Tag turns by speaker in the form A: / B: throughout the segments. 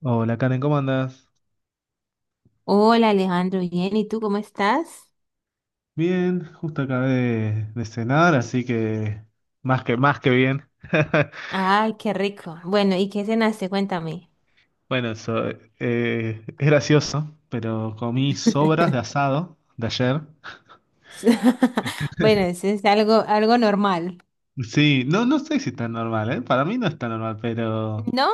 A: Hola Karen, ¿cómo andas?
B: Hola Alejandro, bien, ¿y tú cómo estás?
A: Bien, justo acabé de cenar, así que más que bien.
B: Ay, qué rico. Bueno, ¿y qué cenaste? Cuéntame.
A: Bueno, eso, es gracioso, pero comí sobras de asado de ayer.
B: Bueno, eso es algo normal.
A: Sí, no, no sé si es tan normal, ¿eh? Para mí no es tan normal, pero
B: ¿No?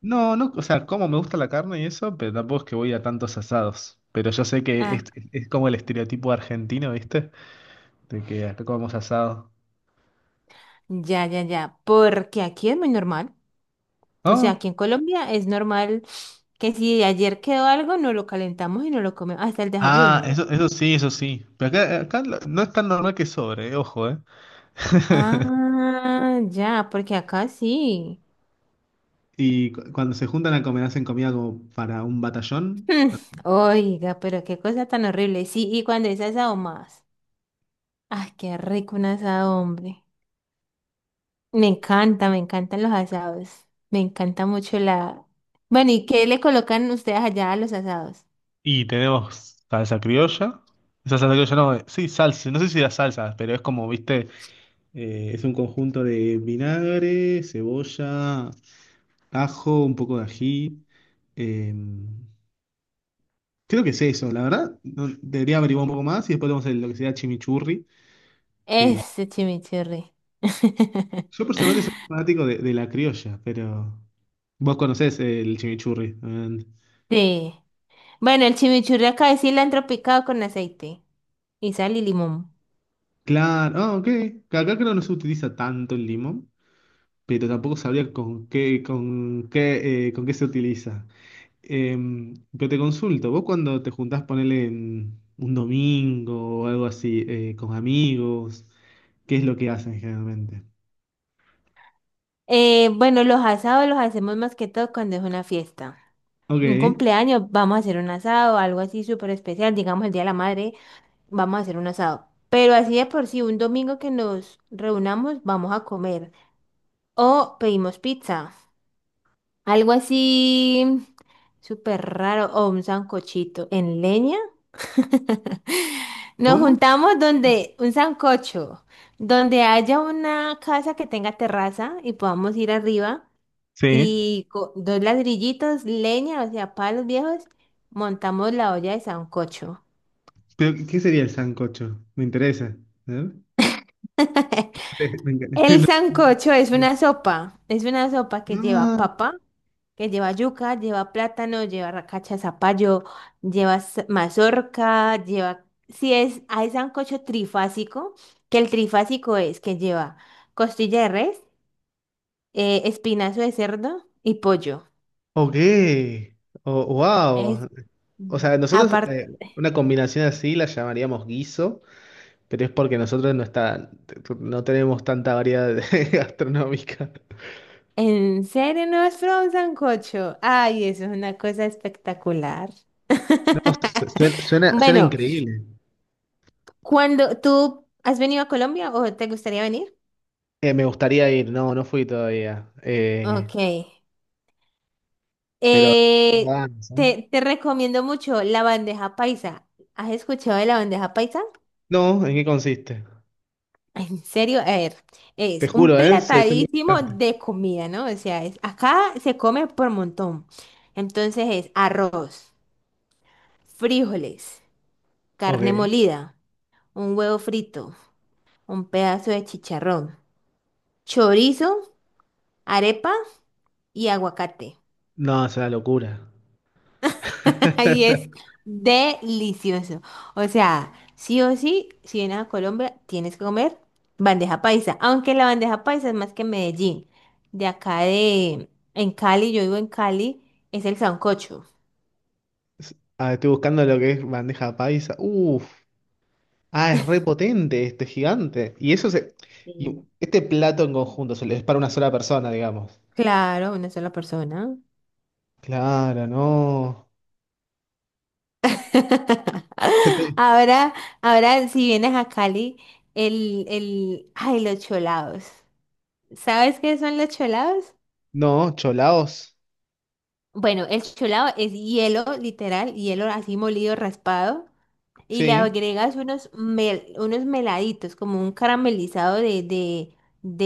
A: no, no, o sea, como me gusta la carne y eso, pero tampoco es que voy a tantos asados. Pero yo sé que
B: Ah,
A: es como el estereotipo argentino, ¿viste? De que acá comemos asado.
B: ya, ya, ya. Porque aquí es muy normal. O sea,
A: Ah,
B: aquí en Colombia es normal que si ayer quedó algo, no lo calentamos y no lo comemos hasta el
A: ah,
B: desayuno.
A: eso sí, eso sí. Pero acá lo- no es tan normal que sobre, ojo, ¿eh?
B: Ah, ya, porque acá sí.
A: Y cu- cuando se juntan a comer, hacen comida como para un batallón.
B: Hmm. Oiga, pero qué cosa tan horrible. Sí, y cuando es asado más. Ay, qué rico un asado, hombre. Me encanta, me encantan los asados. Me encanta mucho la... Bueno, ¿y qué le colocan ustedes allá a los asados?
A: Y tenemos salsa criolla. Esa salsa criolla no, sí, salsa. No sé si era salsa, pero es como, viste, es un conjunto de vinagre, cebolla, ajo, un poco de ají. eh, creo que es eso, la verdad. No- debería averiguar un poco más y después tenemos el- lo que sería chimichurri, que
B: Ese chimichurri.
A: yo personalmente soy fanático de la criolla, pero vos conocés el chimichurri, obviamente.
B: Sí. Bueno, el chimichurri acá es cilantro picado con aceite y sal y limón.
A: Claro, ah, ok. Acá creo que no se utiliza tanto el limón, pero tampoco sabría con qué, con qué se utiliza. Pero te consulto, vos cuando te juntás, ponele en un domingo o algo así, con amigos, ¿qué es lo que hacen generalmente?
B: Bueno, los asados los hacemos más que todo cuando es una fiesta. Un
A: Ok.
B: cumpleaños, vamos a hacer un asado, algo así súper especial, digamos el Día de la Madre, vamos a hacer un asado. Pero así de por sí, un domingo que nos reunamos, vamos a comer. O pedimos pizza. Algo así súper raro. O un sancochito en leña. Nos
A: ¿Cómo?
B: juntamos donde un sancocho, donde haya una casa que tenga terraza y podamos ir arriba
A: Sí.
B: y con dos ladrillitos, leña, o sea, palos viejos, montamos la olla de sancocho.
A: ¿Pero qué sería el sancocho? Me interesa. A ver. Me
B: El
A: encanta.
B: sancocho es una sopa que lleva
A: Ah,
B: papa, que lleva yuca, lleva plátano, lleva racacha de zapallo, lleva mazorca, lleva... Si es, hay sancocho trifásico, que el trifásico es que lleva costilla de res, espinazo de cerdo y pollo.
A: ok. Oh,
B: Es
A: wow. O sea, nosotros
B: aparte...
A: una combinación así la llamaríamos guiso, pero es porque nosotros no está, no tenemos tanta variedad de- gastronómica.
B: ¿En serio no has probado un sancocho? Ay, eso es una cosa espectacular.
A: No, su- suena
B: Bueno,
A: increíble.
B: ¿cuando tú has venido a Colombia o te gustaría venir?
A: Me gustaría ir, no, no fui todavía.
B: Ok.
A: Pero tengo
B: Eh,
A: ganas, ¿eh?
B: te recomiendo mucho la bandeja paisa. ¿Has escuchado de la bandeja paisa?
A: No, ¿en qué consiste?
B: En serio, a ver,
A: Te
B: es un
A: juro, ¿eh? Soy, soy muy
B: platadísimo
A: bastante.
B: de comida, ¿no? O sea, acá se come por montón. Entonces es arroz, frijoles, carne
A: Ok.
B: molida, un huevo frito, un pedazo de chicharrón, chorizo, arepa y aguacate.
A: No, es una locura.
B: Ahí es delicioso. O sea, sí o sí, si vienes a Colombia, tienes que comer bandeja paisa. Aunque la bandeja paisa es más que en Medellín. De acá de, en Cali, yo vivo en Cali, es el sancocho.
A: Ah, estoy buscando lo que es bandeja paisa. Uf. Ah, es repotente este gigante. Y eso se. Y
B: Mm.
A: este plato en conjunto se le- es para una sola persona, digamos.
B: Claro, una sola persona.
A: Claro, no. Este-
B: Ahora, ahora si vienes a Cali, ay, los cholados. ¿Sabes qué son los cholados?
A: no, cholaos.
B: Bueno, el cholado es hielo, literal, hielo así molido, raspado, y le
A: Sí.
B: agregas unos, unos meladitos, como un caramelizado de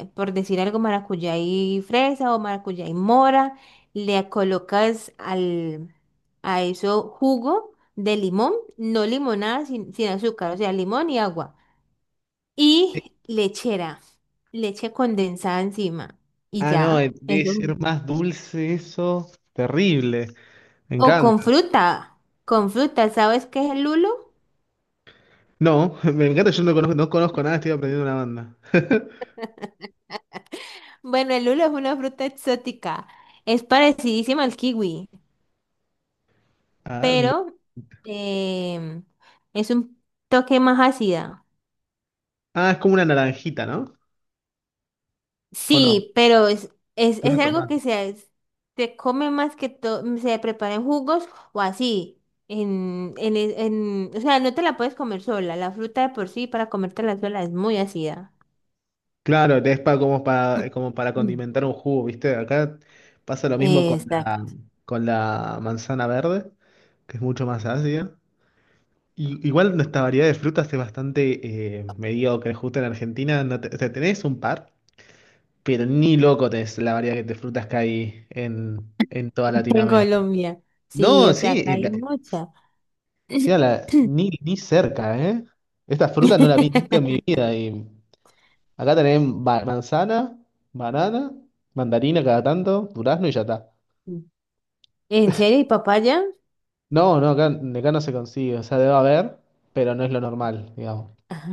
B: por decir algo, maracuyá y fresa o maracuyá y mora. Le colocas al, a eso jugo de limón, no limonada, sin azúcar, o sea, limón y agua.
A: Sí.
B: Y lechera, leche condensada encima, y
A: Ah, no,
B: ya,
A: debe
B: eso.
A: ser más dulce eso. Terrible. Me
B: O
A: encanta.
B: con fruta, ¿sabes qué es el lulo?
A: No, me encanta, yo no conozco, no conozco nada, estoy aprendiendo una banda.
B: Bueno, el lulo es una fruta exótica, es parecidísima al kiwi,
A: Ah, lu-
B: pero em, es un toque más ácida.
A: ah, es como una naranjita, ¿no? ¿O no?
B: Sí, pero
A: Vino
B: es algo
A: tomate.
B: que se come más que todo, se prepara en jugos o así. O sea, no te la puedes comer sola, la fruta de por sí para comértela sola es muy ácida.
A: Claro, es pa- como para, como para condimentar un jugo, ¿viste? Acá pasa lo mismo
B: Exacto.
A: con la manzana verde, que es mucho más ácida. Y, igual nuestra variedad de frutas es bastante mediocre, justo en Argentina no te- o sea, tenés un par, pero ni loco tenés la variedad de frutas que hay en toda
B: En
A: Latinoamérica.
B: Colombia. Sí,
A: No,
B: o sea,
A: sí,
B: acá hay
A: la-
B: mucha.
A: sí, a la- ni, ni cerca, ¿eh? Esta fruta no la vi nunca en mi vida y... Acá tenemos ba- manzana, banana, mandarina cada tanto, durazno y ya está.
B: ¿En serio? ¿Y papaya?
A: No, no, acá, acá no se consigue, o sea, debe haber, pero no es lo normal, digamos.
B: Ah,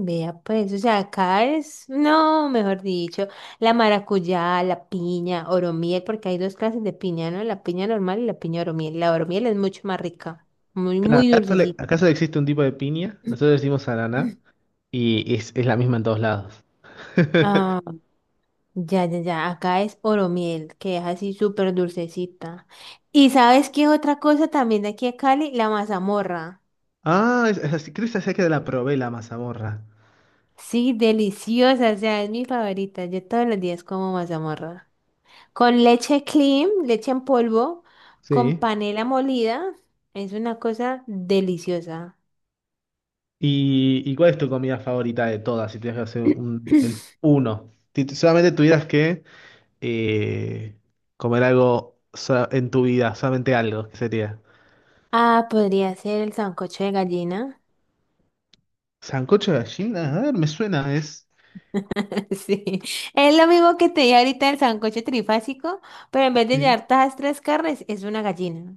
B: vea pues, o sea, acá es, no, mejor dicho, la maracuyá, la piña, oromiel, porque hay dos clases de piña, ¿no? La piña normal y la piña oromiel. La oromiel es mucho más rica, muy,
A: Claro,
B: muy
A: acá solo,
B: dulcecita.
A: acá solo existe un tipo de piña, nosotros decimos ananá, y es la misma en todos lados.
B: Ah, ya, ya, ya, acá es oromiel, que es así súper dulcecita. ¿Y sabes qué es otra cosa también de aquí a Cali? La mazamorra.
A: Ah, es así, creo que esa que la probé, la mazamorra.
B: Sí, deliciosa, o sea, es mi favorita. Yo todos los días como mazamorra. Con leche cream, leche en polvo, con
A: Sí.
B: panela molida. Es una cosa deliciosa.
A: Y cuál es tu comida favorita de todas, si tienes que hacer un, el uno? Si t- solamente tuvieras que eh, comer algo sa- en tu vida, solamente algo, ¿qué sería?
B: Ah, podría ser el sancocho de gallina.
A: Sancocho de gallina, a ver, me suena, es...
B: Sí, es lo mismo que te dije ahorita, el sancocho trifásico, pero en vez de
A: Sí.
B: llevar todas las tres carnes, es una gallina.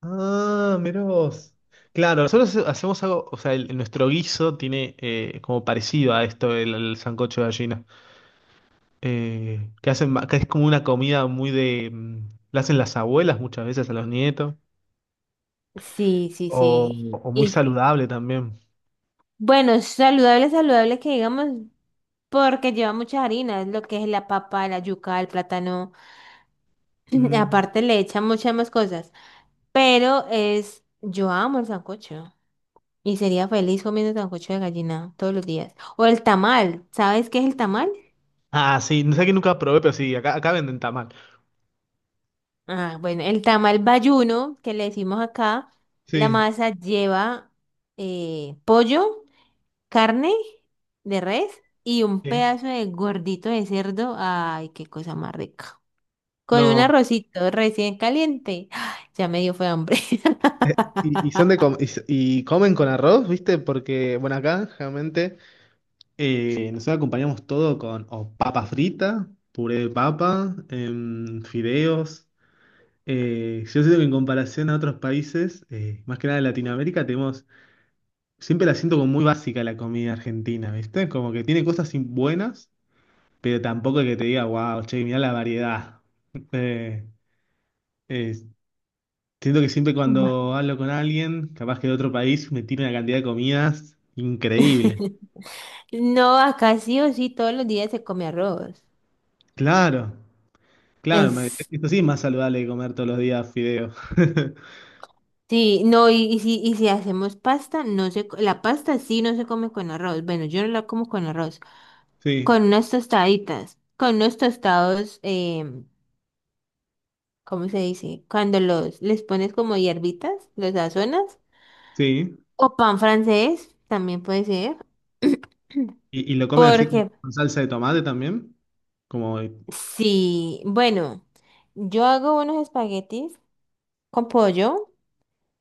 A: Ah, mirá vos. Claro, nosotros hacemos algo, o sea, el- nuestro guiso tiene como parecido a esto, el sancocho de gallina. Que hacen, ma- que es como una comida muy de... mm, la hacen las abuelas muchas veces a los nietos,
B: Sí, sí,
A: o,
B: sí.
A: o muy
B: Y
A: saludable también.
B: bueno, saludable, saludable que digamos, porque lleva muchas harinas, lo que es la papa, la yuca, el plátano.
A: Mm.
B: Aparte le echan muchas más cosas. Pero es, yo amo el sancocho. Y sería feliz comiendo sancocho de gallina todos los días. O el tamal. ¿Sabes qué es el tamal?
A: Ah, sí, no sé que nunca probé, pero sí, acá, acá venden tamal.
B: Ah, bueno, el tamal bayuno, que le decimos acá, la
A: Sí.
B: masa lleva pollo, carne de res y un
A: Sí.
B: pedazo de gordito de cerdo. Ay, qué cosa más rica. Con un
A: No.
B: arrocito recién caliente. ¡Ah! Ya me dio fue hambre.
A: Eh, y son de com- y, s- y comen con arroz, ¿viste? Porque, bueno, acá generalmente nosotros acompañamos todo con o papa frita, puré de papa, em, fideos. Yo siento que en comparación a otros países, más que nada de Latinoamérica, tenemos, siempre la siento como muy básica la comida argentina, ¿viste? Como que tiene cosas in- buenas, pero tampoco que te diga, wow, che, mirá la variedad. Eh, eh, siento que siempre
B: Ma-
A: cuando hablo con alguien, capaz que de otro país, me tira una cantidad de comidas increíble.
B: No, acá sí o sí todos los días se come arroz.
A: Claro, claro, me-
B: Es,
A: esto sí es más saludable que comer todos los días fideos.
B: sí, no, y si hacemos pasta, no se, la pasta sí no se come con arroz. Bueno, yo no la como con arroz.
A: Sí,
B: Con unas tostaditas, con unos tostados, ¿cómo se dice? Cuando los, les pones como hierbitas, los sazonas.
A: sí.
B: O pan francés, también puede ser.
A: Y lo comen así
B: Porque
A: con salsa de tomate también? Como,
B: sí, bueno, yo hago unos espaguetis con pollo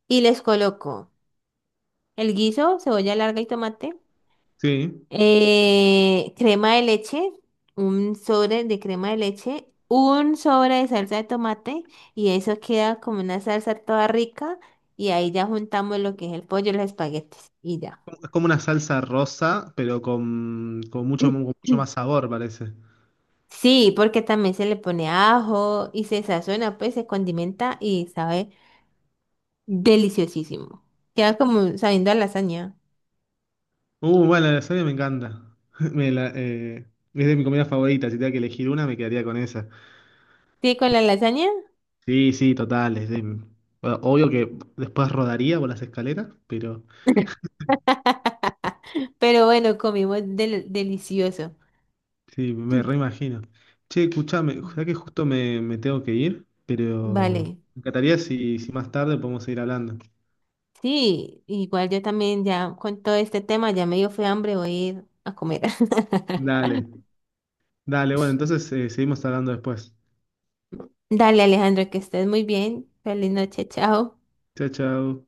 B: y les coloco el guiso, cebolla larga y tomate,
A: sí.
B: crema de leche, un sobre de crema de leche, un sobre de salsa de tomate y eso queda como una salsa toda rica y ahí ya juntamos lo que es el pollo y los espaguetis y ya.
A: Es como una salsa rosa, pero con mucho más sabor, parece.
B: Sí, porque también se le pone ajo y se sazona, pues se condimenta y sabe. Deliciosísimo. Queda como sabiendo a lasaña.
A: Bueno, la lasaña me encanta. Me la- es de mi comida favorita. Si tuviera que elegir una, me quedaría con esa.
B: Sí, con la lasaña.
A: Sí, sí, total. Es de- bueno, obvio que después rodaría por las escaleras, pero
B: Pero bueno, comimos delicioso.
A: sí, me reimagino. Che, escuchame, ya
B: Mm.
A: que justo me, me tengo que ir, pero
B: Vale.
A: me encantaría si, si más tarde podemos seguir hablando.
B: Sí, igual yo también ya con todo este tema ya me dio fue hambre, voy a ir a comer.
A: Dale, dale, bueno, entonces seguimos hablando después.
B: Dale, Alejandro, que estés muy bien. Feliz noche, chao.
A: Chao, chao.